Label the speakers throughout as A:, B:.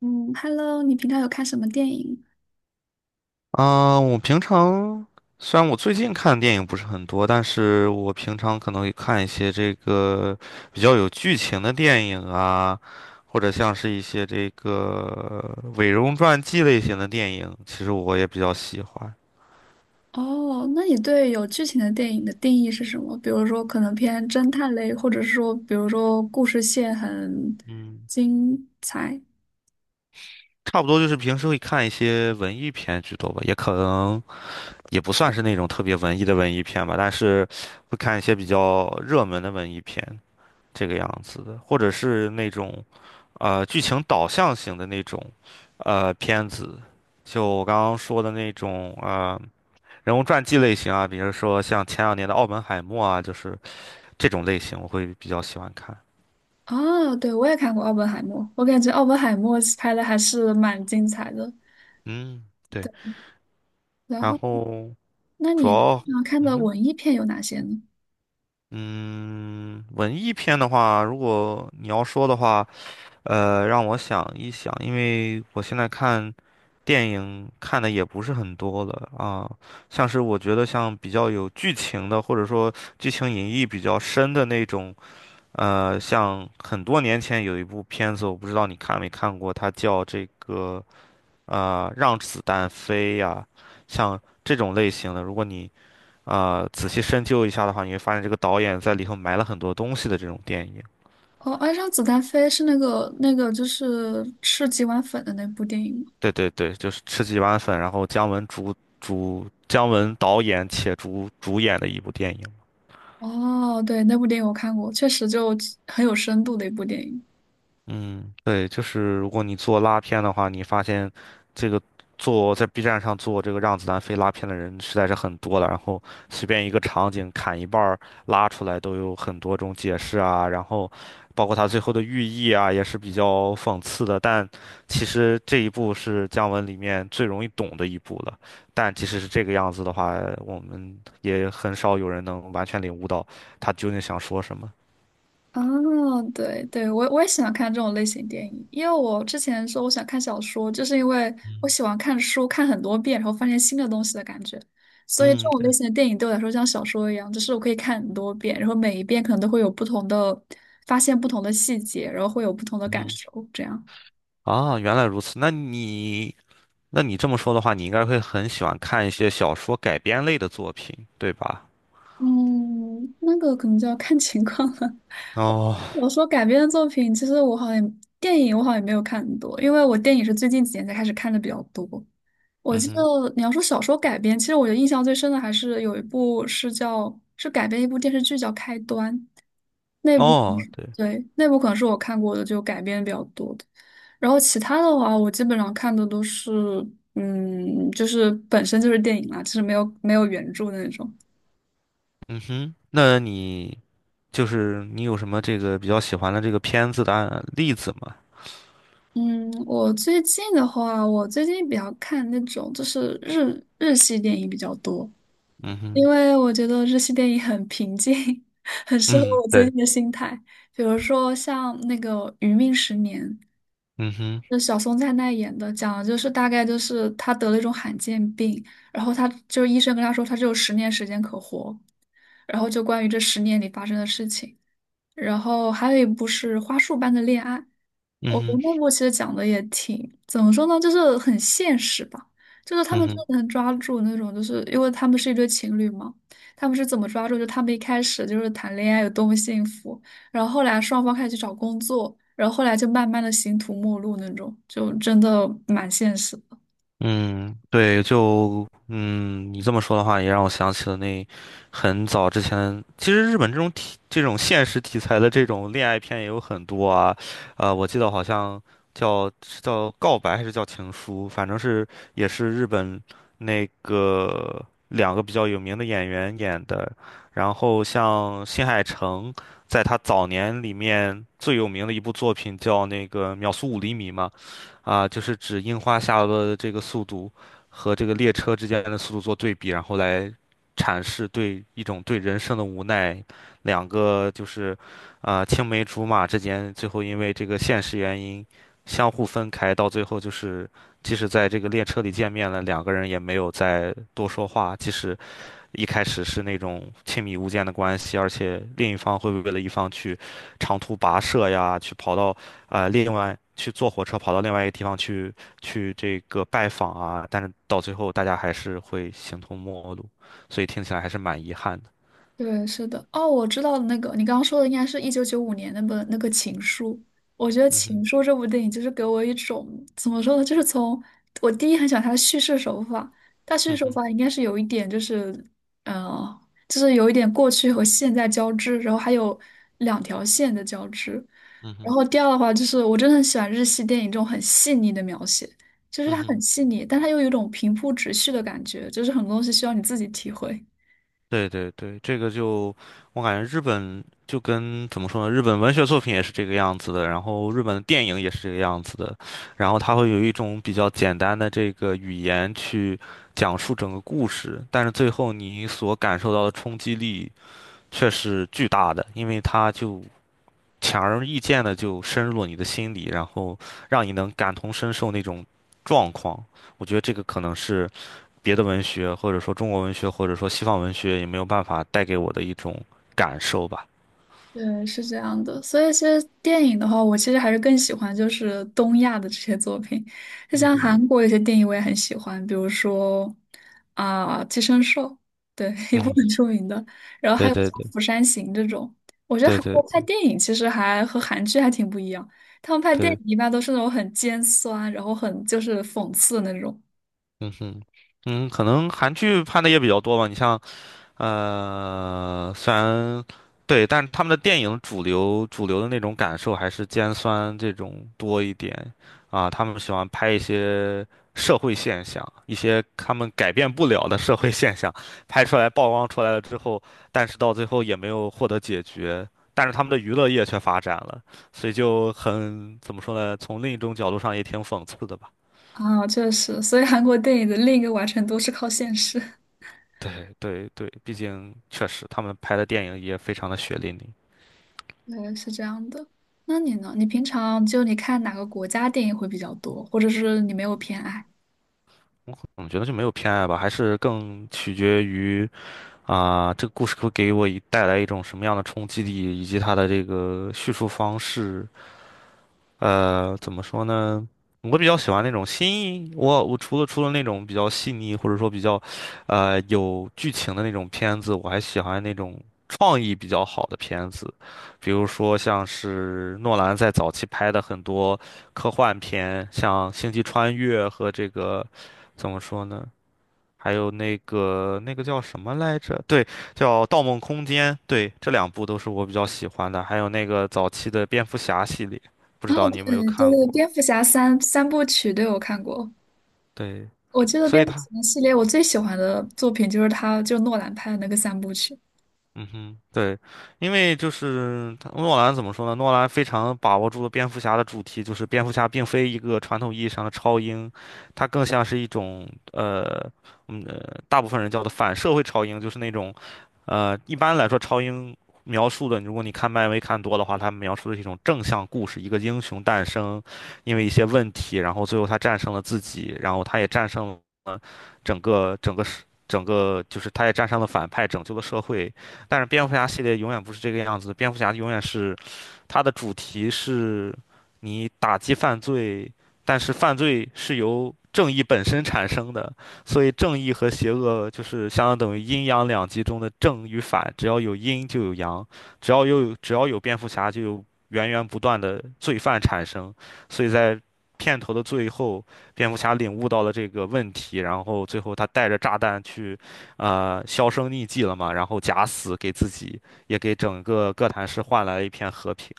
A: 嗯，Hello，你平常有看什么电影？
B: 我平常虽然我最近看的电影不是很多，但是我平常可能会看一些这个比较有剧情的电影啊，或者像是一些这个伪容传记类型的电影，其实我也比较喜欢。
A: 哦，那你对有剧情的电影的定义是什么？比如说，可能偏侦探类，或者是说，比如说故事线很精彩。
B: 差不多就是平时会看一些文艺片居多吧，也可能也不算是那种特别文艺的文艺片吧，但是会看一些比较热门的文艺片，这个样子的，或者是那种。剧情导向型的那种，片子，就我刚刚说的那种，人物传记类型啊，比如说像前两年的《奥本海默》啊，就是这种类型，我会比较喜欢看。
A: 哦，对，我也看过《奥本海默》，我感觉《奥本海默》拍的还是蛮精彩的。
B: 嗯，对。
A: 然
B: 然
A: 后，
B: 后
A: 那
B: 主
A: 你
B: 要，
A: 常看
B: 嗯
A: 的
B: 哼。
A: 文艺片有哪些呢？
B: 嗯，文艺片的话，如果你要说的话，让我想一想，因为我现在看。电影看的也不是很多了啊，像是我觉得像比较有剧情的，或者说剧情隐喻比较深的那种，像很多年前有一部片子，我不知道你看没看过，它叫这个《让子弹飞》呀，像这种类型的，如果你仔细深究一下的话，你会发现这个导演在里头埋了很多东西的这种电影。
A: 哦，《爱上子弹飞》是那个就是吃几碗粉的那部电影吗？
B: 对对对，就是吃几碗粉，然后姜文姜文导演且主演的一部电影。
A: 哦，对，那部电影我看过，确实就很有深度的一部电影。
B: 嗯，对，就是如果你做拉片的话，你发现这个做在 B 站上做这个让子弹飞拉片的人实在是很多了，然后随便一个场景砍一半儿拉出来都有很多种解释啊，然后包括它最后的寓意啊也是比较讽刺的，但其实这一步是姜文里面最容易懂的一步了，但即使是这个样子的话，我们也很少有人能完全领悟到他究竟想说什么。
A: 哦，对对，我也喜欢看这种类型电影，因为我之前说我想看小说，就是因为
B: 嗯。
A: 我喜欢看书，看很多遍，然后发现新的东西的感觉。所以这
B: 嗯，
A: 种类
B: 对。
A: 型的电影对我来说像小说一样，就是我可以看很多遍，然后每一遍可能都会有不同的，发现不同的细节，然后会有不同的感
B: 嗯。
A: 受，这样。
B: 啊，原来如此。那你这么说的话，你应该会很喜欢看一些小说改编类的作品，对吧？
A: 嗯，那个可能就要看情况了。
B: 哦。
A: 我说改编的作品，其实我好像电影我好像也没有看很多，因为我电影是最近几年才开始看的比较多。我
B: 嗯
A: 记
B: 哼。
A: 得你要说小说改编，其实我觉得印象最深的还是有一部是叫是改编一部电视剧叫《开端》，那部
B: 哦，对。
A: 对，那部可能是我看过的就改编比较多的。然后其他的话，我基本上看的都是就是本身就是电影啦，就是没有原著的那种。
B: 嗯哼。那你就是你有什么这个比较喜欢的这个片子的案例子吗？
A: 嗯，我最近的话，我最近比较看那种就是日系电影比较多。
B: 嗯
A: 因
B: 哼。
A: 为我觉得日系电影很平静，很适合
B: 嗯，
A: 我最
B: 对。
A: 近的心态。比如说像那个《余命十年》，
B: 嗯哼。
A: 就小松菜奈演的，讲的就是大概就是他得了一种罕见病，然后他就医生跟他说他只有十年时间可活，然后就关于这十年里发生的事情。然后还有一部是《花束般的恋爱》，我觉得
B: 嗯
A: 那
B: 哼。
A: 部其实讲的也挺，怎么说呢，就是很现实吧。就是他
B: 嗯
A: 们真
B: 哼。
A: 的能抓住那种，就是因为他们是一对情侣嘛，他们是怎么抓住？就他们一开始就是谈恋爱有多么幸福，然后后来双方开始去找工作，然后后来就慢慢的形同陌路那种，就真的蛮现实的。
B: 嗯，对，就嗯，你这么说的话，也让我想起了那很早之前，其实日本这种题、这种现实题材的这种恋爱片也有很多啊。我记得好像叫是叫告白还是叫情书，反正是也是日本那个两个比较有名的演员演的。然后像新海诚，在他早年里面最有名的一部作品叫那个《秒速五厘米》嘛。啊，就是指樱花下落的这个速度和这个列车之间的速度做对比，然后来阐释对一种对人生的无奈，两个就是青梅竹马之间最后因为这个现实原因相互分开，到最后就是即使在这个列车里见面了，两个人也没有再多说话，即使一开始是那种亲密无间的关系，而且另一方会为了一方去长途跋涉呀，去跑到另外去坐火车跑到另外一个地方去去这个拜访啊，但是到最后大家还是会形同陌路，所以听起来还是蛮遗憾的。
A: 对，是的，哦，我知道那个，你刚刚说的应该是1995年那本那个《情书》。我觉得
B: 嗯
A: 《情
B: 哼。
A: 书》这部电影就是给我一种怎么说呢，就是从我第一很喜欢它的叙事手法，它叙事
B: 嗯
A: 手
B: 哼。
A: 法应该是有一点就是，呃，就是有一点过去和现在交织，然后还有两条线的交织。
B: 嗯
A: 然
B: 哼。
A: 后第二的话就是，我真的很喜欢日系电影这种很细腻的描写，就是
B: 嗯
A: 它很
B: 哼。
A: 细腻，但它又有一种平铺直叙的感觉，就是很多东西需要你自己体会。
B: 对对对，这个就我感觉日本就跟怎么说呢，日本文学作品也是这个样子的，然后日本的电影也是这个样子的，然后它会有一种比较简单的这个语言去讲述整个故事，但是最后你所感受到的冲击力却是巨大的，因为它就强而易见的就深入了你的心里，然后让你能感同身受那种状况，我觉得这个可能是。别的文学，或者说中国文学，或者说西方文学，也没有办法带给我的一种感受吧。
A: 对，是这样的，所以其实电影的话，我其实还是更喜欢就是东亚的这些作品，就
B: 嗯
A: 像韩
B: 哼。
A: 国有些电影我也很喜欢，比如说啊、寄生兽》，对，一部
B: 嗯，
A: 很出名的，然后还
B: 对。
A: 有像
B: 对对
A: 釜山行》这种，我觉得
B: 对
A: 韩国
B: 对
A: 拍电影其实还和韩剧还挺不一样，他们拍电影
B: 对。
A: 一般都是那种很尖酸，然后很就是讽刺的那种。
B: 嗯哼。嗯，可能韩剧拍的也比较多吧。你像虽然对，但是他们的电影主流的那种感受还是尖酸这种多一点啊，他们喜欢拍一些社会现象，一些他们改变不了的社会现象，拍出来曝光出来了之后，但是到最后也没有获得解决，但是他们的娱乐业却发展了，所以就很，怎么说呢，从另一种角度上也挺讽刺的吧。
A: 啊，确实，所以韩国电影的另一个完成度是靠现实。
B: 对对对，毕竟确实他们拍的电影也非常的血淋淋。
A: 对，是这样的。那你呢？你平常就你看哪个国家电影会比较多，或者是你没有偏爱？
B: 我觉得就没有偏爱吧，还是更取决于这个故事会给我一带来一种什么样的冲击力，以及它的这个叙述方式。呃，怎么说呢？我比较喜欢那种我除了那种比较细腻或者说比较，有剧情的那种片子，我还喜欢那种创意比较好的片子，比如说像是诺兰在早期拍的很多科幻片，像《星际穿越》和这个怎么说呢？还有那个叫什么来着？对，叫《盗梦空间》。对，这两部都是我比较喜欢的。还有那个早期的蝙蝠侠系列，不
A: 哦，
B: 知道你有没有
A: 对就是
B: 看过？
A: 《蝙蝠侠三部曲，对，我看过。
B: 对，
A: 我记得
B: 所
A: 蝙
B: 以
A: 蝠
B: 它。
A: 侠系列我最喜欢的作品就是他，就诺兰拍的那个三部曲。
B: 嗯哼。对，因为就是他诺兰怎么说呢？诺兰非常把握住了蝙蝠侠的主题，就是蝙蝠侠并非一个传统意义上的超英，它更像是一种呃，大部分人叫做反社会超英，就是那种一般来说超英描述的，如果你看漫威看多的话，它描述的是一种正向故事，一个英雄诞生，因为一些问题，然后最后他战胜了自己，然后他也战胜了整个整个世。整个就是他也战胜了反派，拯救了社会，但是蝙蝠侠系列永远不是这个样子，蝙蝠侠永远是它的主题是你打击犯罪，但是犯罪是由正义本身产生的，所以正义和邪恶就是相当于阴阳两极中的正与反，只要有阴就有阳，只要有蝙蝠侠就有源源不断的罪犯产生，所以在。片头的最后，蝙蝠侠领悟到了这个问题，然后最后他带着炸弹去销声匿迹了嘛，然后假死给自己也给整个哥谭市换来了一片和平。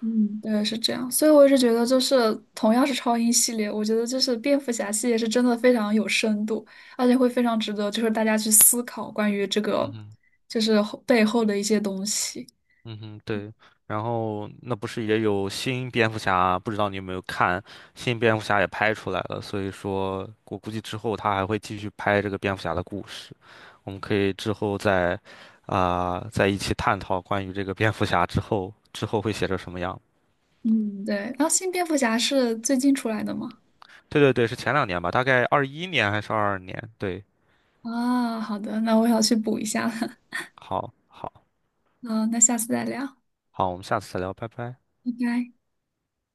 A: 嗯，对，是这样。所以我是觉得，就是同样是超英系列，我觉得就是蝙蝠侠系列是真的非常有深度，而且会非常值得就是大家去思考关于这
B: 嗯
A: 个
B: 哼。
A: 就是背后的一些东西。
B: 嗯哼。对，然后那不是也有新蝙蝠侠？不知道你有没有看，新蝙蝠侠也拍出来了，所以说我估计之后他还会继续拍这个蝙蝠侠的故事，我们可以之后再在一起探讨关于这个蝙蝠侠之后会写成什么样。
A: 嗯，对。然后新蝙蝠侠是最近出来的吗？
B: 对对对，是前两年吧，大概21年还是22年？对，
A: 啊，好的，那我要去补一下了。
B: 好，好，
A: 嗯，那下次再聊，
B: 好，我们下次再聊，拜拜。
A: 拜拜。